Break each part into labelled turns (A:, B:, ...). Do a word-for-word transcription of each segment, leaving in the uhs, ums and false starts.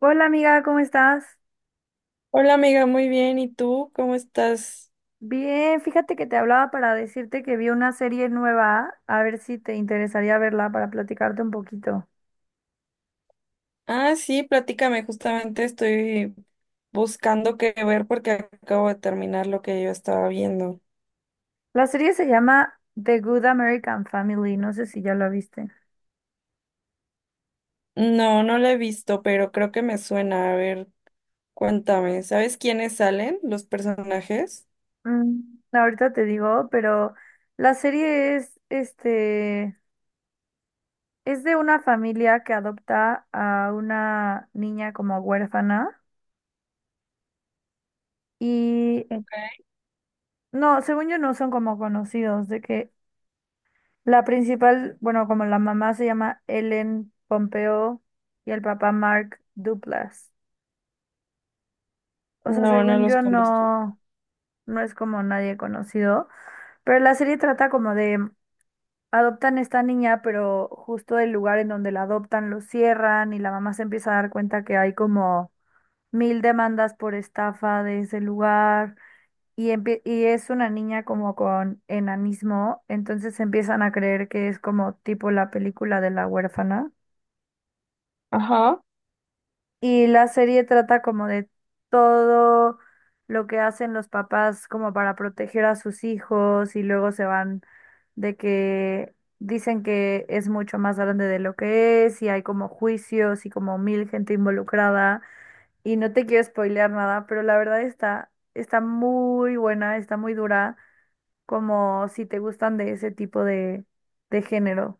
A: Hola amiga, ¿cómo estás?
B: Hola amiga, muy bien. ¿Y tú cómo estás?
A: Bien, fíjate que te hablaba para decirte que vi una serie nueva, a ver si te interesaría verla para platicarte un poquito.
B: Ah, sí, platícame. Justamente estoy buscando qué ver porque acabo de terminar lo que yo estaba viendo.
A: La serie se llama The Good American Family, no sé si ya la viste.
B: No, no la he visto, pero creo que me suena. A ver, cuéntame. ¿Sabes quiénes salen los personajes?
A: Mm, ahorita te digo, pero la serie es, este, es de una familia que adopta a una niña como huérfana. Y
B: Ok.
A: no, según yo no son como conocidos, de que la principal, bueno, como la mamá se llama Ellen Pompeo y el papá Mark Duplass. O sea,
B: No, no
A: según
B: los
A: yo
B: conozco.
A: no, no es como nadie conocido, pero la serie trata como de adoptan esta niña, pero justo el lugar en donde la adoptan lo cierran y la mamá se empieza a dar cuenta que hay como mil demandas por estafa de ese lugar. Y empie- y es una niña como con enanismo, entonces empiezan a creer que es como tipo la película de la huérfana.
B: Ajá.
A: Y la serie trata como de todo lo que hacen los papás como para proteger a sus hijos y luego se van de que dicen que es mucho más grande de lo que es y hay como juicios y como mil gente involucrada. Y no te quiero spoilear nada, pero la verdad está, está muy buena, está muy dura, como si te gustan de ese tipo de, de género.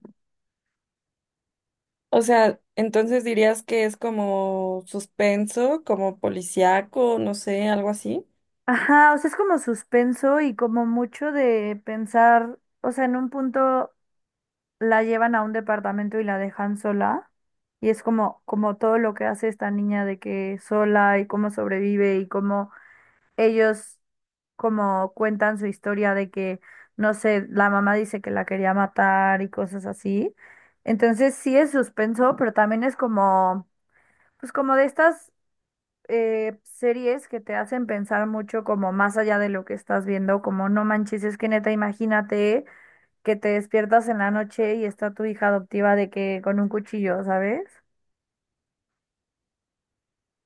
B: O sea, entonces dirías que es como suspenso, como policíaco, no sé, algo así.
A: Ajá, o sea, es como suspenso y como mucho de pensar, o sea, en un punto la llevan a un departamento y la dejan sola, y es como, como todo lo que hace esta niña de que sola y cómo sobrevive y cómo ellos como cuentan su historia de que, no sé, la mamá dice que la quería matar y cosas así. Entonces sí es suspenso, pero también es como, pues como de estas eh, series que te hacen pensar mucho como más allá de lo que estás viendo, como no manches, es que neta, imagínate que te despiertas en la noche y está tu hija adoptiva de que con un cuchillo, ¿sabes?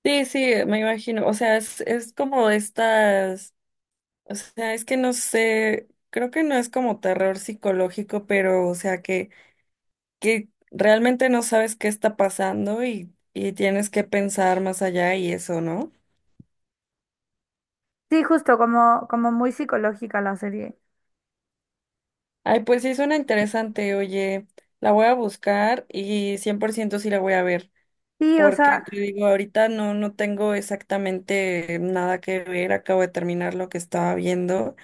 B: Sí, sí, me imagino. O sea, es, es como estas. O sea, es que no sé, creo que no es como terror psicológico, pero o sea que, que realmente no sabes qué está pasando y, y tienes que pensar más allá y eso, ¿no?
A: Sí, justo como, como muy psicológica la serie.
B: Ay, pues sí, suena interesante, oye, la voy a buscar y cien por ciento sí la voy a ver,
A: Sí, o
B: porque
A: sea,
B: te digo, ahorita no, no tengo exactamente nada que ver, acabo de terminar lo que estaba viendo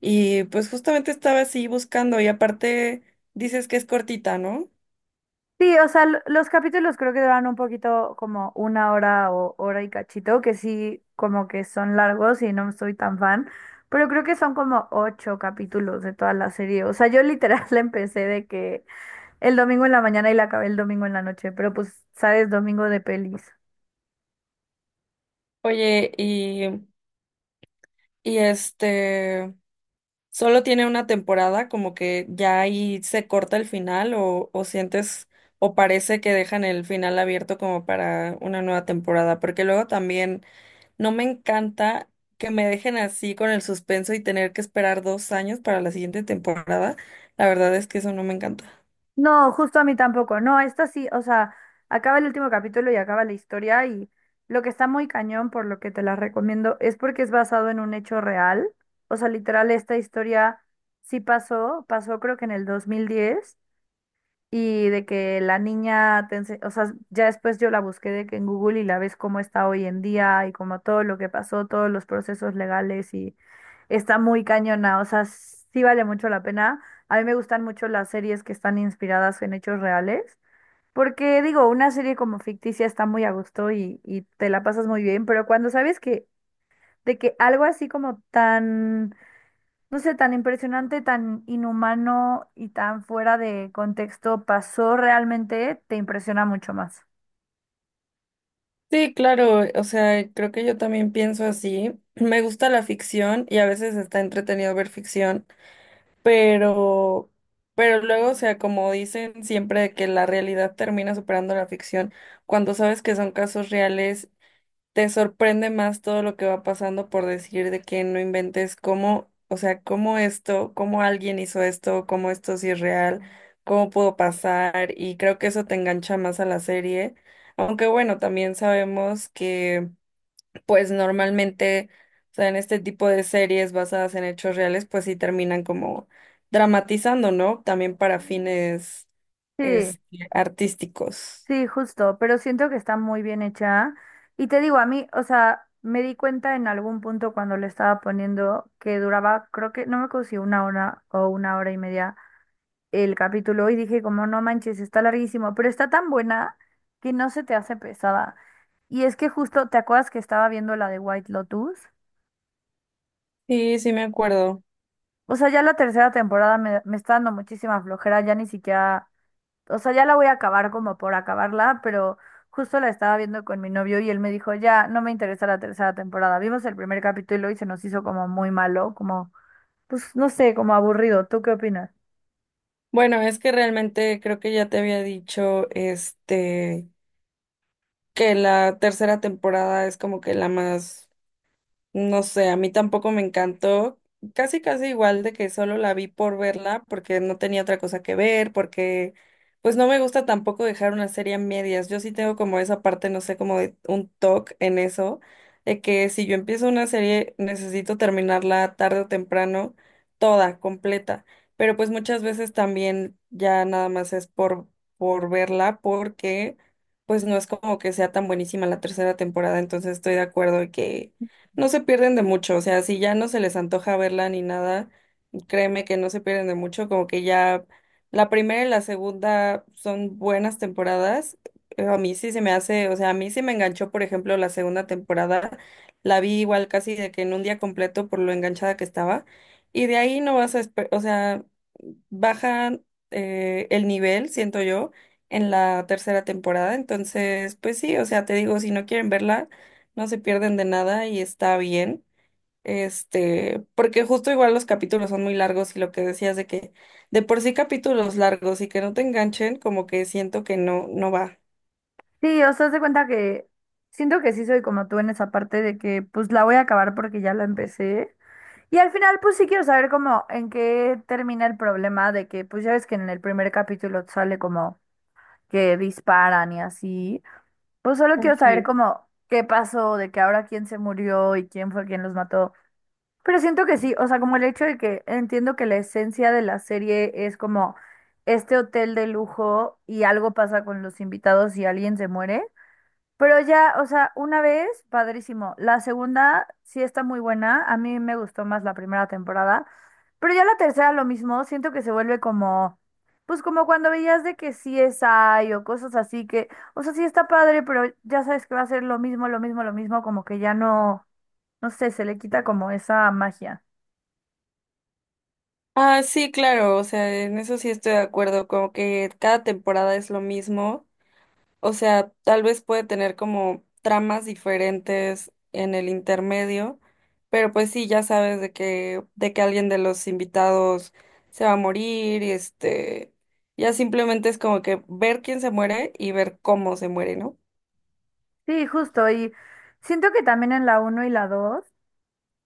B: y pues justamente estaba así buscando y aparte dices que es cortita, ¿no?
A: sí, o sea, l- los capítulos creo que duran un poquito como una hora o hora y cachito, que sí, como que son largos y no soy tan fan. Pero creo que son como ocho capítulos de toda la serie. O sea, yo literal la empecé de que el domingo en la mañana y la acabé el domingo en la noche, pero pues, sabes, domingo de pelis.
B: Oye, y y este solo tiene una temporada, como que ya ahí se corta el final o, o sientes o parece que dejan el final abierto como para una nueva temporada, porque luego también no me encanta que me dejen así con el suspenso y tener que esperar dos años para la siguiente temporada. La verdad es que eso no me encanta.
A: No, justo a mí tampoco. No, esta sí, o sea, acaba el último capítulo y acaba la historia y lo que está muy cañón, por lo que te la recomiendo, es porque es basado en un hecho real. O sea, literal, esta historia sí pasó, pasó creo que en el dos mil diez. Y de que la niña, te ense- o sea, ya después yo la busqué de que en Google y la ves cómo está hoy en día y como todo lo que pasó, todos los procesos legales y está muy cañona, o sea, sí vale mucho la pena. A mí me gustan mucho las series que están inspiradas en hechos reales, porque digo, una serie como ficticia está muy a gusto y, y te la pasas muy bien, pero cuando sabes que de que algo así como tan, no sé, tan impresionante, tan inhumano y tan fuera de contexto pasó realmente, te impresiona mucho más.
B: Sí, claro, o sea, creo que yo también pienso así. Me gusta la ficción y a veces está entretenido ver ficción. Pero, pero luego, o sea, como dicen siempre de que la realidad termina superando la ficción, cuando sabes que son casos reales, te sorprende más todo lo que va pasando por decir de que no inventes cómo, o sea, cómo esto, cómo alguien hizo esto, cómo esto sí es real, cómo pudo pasar, y creo que eso te engancha más a la serie. Aunque bueno, también sabemos pues normalmente, o sea, en este tipo de series basadas en hechos reales, pues sí terminan como dramatizando, ¿no? También para fines
A: Sí,
B: este, artísticos.
A: sí, justo, pero siento que está muy bien hecha. Y te digo, a mí, o sea, me di cuenta en algún punto cuando le estaba poniendo que duraba, creo que, no me acuerdo si una hora o una hora y media el capítulo y dije como, no manches, está larguísimo, pero está tan buena que no se te hace pesada. Y es que justo, ¿te acuerdas que estaba viendo la de White Lotus?
B: Sí, sí me acuerdo.
A: O sea, ya la tercera temporada me, me está dando muchísima flojera, ya ni siquiera, o sea, ya la voy a acabar como por acabarla, pero justo la estaba viendo con mi novio y él me dijo, ya, no me interesa la tercera temporada. Vimos el primer capítulo y se nos hizo como muy malo, como, pues no sé, como aburrido. ¿Tú qué opinas?
B: Bueno, es que realmente creo que ya te había dicho, este, que la tercera temporada es como que la más. No sé, a mí tampoco me encantó. Casi, casi igual de que solo la vi por verla, porque no tenía otra cosa que ver, porque pues no me gusta tampoco dejar una serie a medias. Yo sí tengo como esa parte, no sé, como de un toque en eso, de que si yo empiezo una serie necesito terminarla tarde o temprano, toda, completa. Pero pues muchas veces también ya nada más es por, por verla, porque pues no es como que sea tan buenísima la tercera temporada, entonces estoy de acuerdo en que no se pierden de mucho, o sea, si ya no se les antoja verla ni nada, créeme que no se pierden de mucho, como que ya la primera y la segunda son buenas temporadas. eh, A mí sí se me hace, o sea, a mí sí me enganchó, por ejemplo, la segunda temporada, la vi igual casi de que en un día completo por lo enganchada que estaba, y de ahí no vas a, espe- o sea, bajan eh, el nivel, siento yo, en la tercera temporada, entonces, pues sí, o sea, te digo, si no quieren verla no se pierden de nada y está bien. Este, porque justo igual los capítulos son muy largos y lo que decías de que de por sí capítulos largos y que no te enganchen, como que siento que no, no va.
A: Sí, o sea, haz de cuenta que siento que sí soy como tú en esa parte de que pues la voy a acabar porque ya la empecé. Y al final pues sí quiero saber como en qué termina el problema de que pues ya ves que en el primer capítulo sale como que disparan y así. Pues solo quiero saber
B: Ok.
A: como qué pasó, de que ahora quién se murió y quién fue quien los mató. Pero siento que sí, o sea, como el hecho de que entiendo que la esencia de la serie es como este hotel de lujo y algo pasa con los invitados y alguien se muere. Pero ya, o sea, una vez, padrísimo. La segunda sí está muy buena. A mí me gustó más la primera temporada. Pero ya la tercera lo mismo. Siento que se vuelve como, pues como cuando veías de que sí es hay o cosas así que, o sea, sí está padre, pero ya sabes que va a ser lo mismo, lo mismo, lo mismo, como que ya no, no sé, se le quita como esa magia.
B: Ah, sí, claro, o sea, en eso sí estoy de acuerdo, como que cada temporada es lo mismo. O sea, tal vez puede tener como tramas diferentes en el intermedio, pero pues sí, ya sabes de que, de que alguien de los invitados se va a morir y este, ya simplemente es como que ver quién se muere y ver cómo se muere, ¿no?
A: Sí, justo. Y siento que también en la uno y la dos.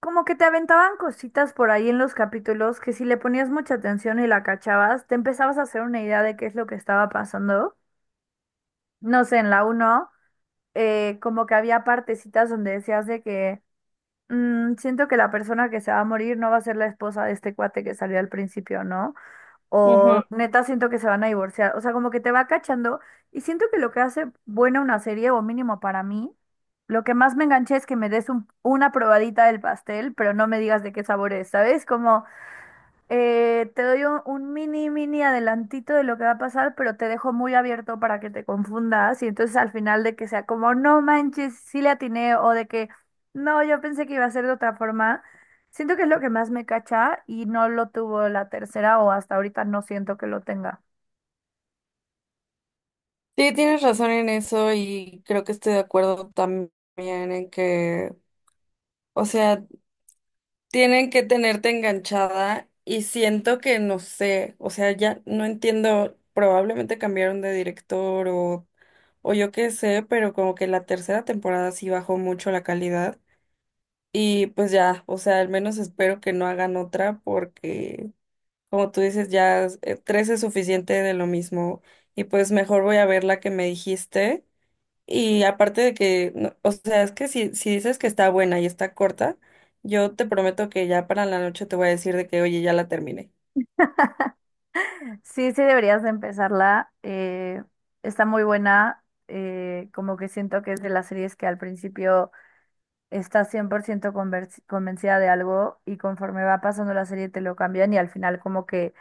A: Como que te aventaban cositas por ahí en los capítulos que si le ponías mucha atención y la cachabas, te empezabas a hacer una idea de qué es lo que estaba pasando. No sé, en la uno, eh, como que había partecitas donde decías de que "Mm, siento que la persona que se va a morir no va a ser la esposa de este cuate que salió al principio, ¿no?
B: Ujú.
A: O neta siento que se van a divorciar". O sea, como que te va cachando y siento que lo que hace buena una serie, o mínimo para mí, lo que más me enganché es que me des un- una probadita del pastel, pero no me digas de qué sabor es, ¿sabes? Como, eh, te doy un, un mini, mini adelantito de lo que va a pasar, pero te dejo muy abierto para que te confundas y entonces al final de que sea como, no manches, sí le atiné o de que, no, yo pensé que iba a ser de otra forma. Siento que es lo que más me cacha y no lo tuvo la tercera o hasta ahorita no siento que lo tenga.
B: Sí, tienes razón en eso y creo que estoy de acuerdo también en que, o sea, tienen que tenerte enganchada y siento que no sé, o sea, ya no entiendo, probablemente cambiaron de director o, o yo qué sé, pero como que la tercera temporada sí bajó mucho la calidad y pues ya, o sea, al menos espero que no hagan otra porque como tú dices, ya eh, tres es suficiente de lo mismo y pues mejor voy a ver la que me dijiste y aparte de que, no- o sea, es que si, si dices que está buena y está corta, yo te prometo que ya para la noche te voy a decir de que, oye, ya la terminé.
A: Sí, sí deberías de empezarla. Eh, está muy buena. Eh, como que siento que es de las series que al principio está cien por ciento conversi- convencida de algo y conforme va pasando la serie te lo cambian y al final como que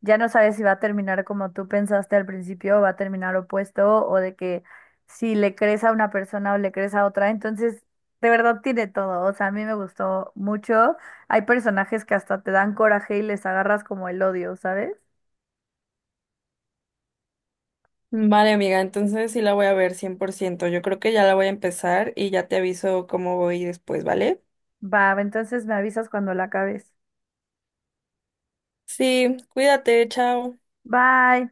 A: ya no sabes si va a terminar como tú pensaste al principio o va a terminar opuesto o de que si le crees a una persona o le crees a otra, entonces de verdad tiene todo, o sea, a mí me gustó mucho. Hay personajes que hasta te dan coraje y les agarras como el odio, ¿sabes?
B: Vale, amiga, entonces sí la voy a ver cien por ciento. Yo creo que ya la voy a empezar y ya te aviso cómo voy después, ¿vale?
A: Va, entonces me avisas cuando la acabes.
B: Sí, cuídate, chao.
A: Bye.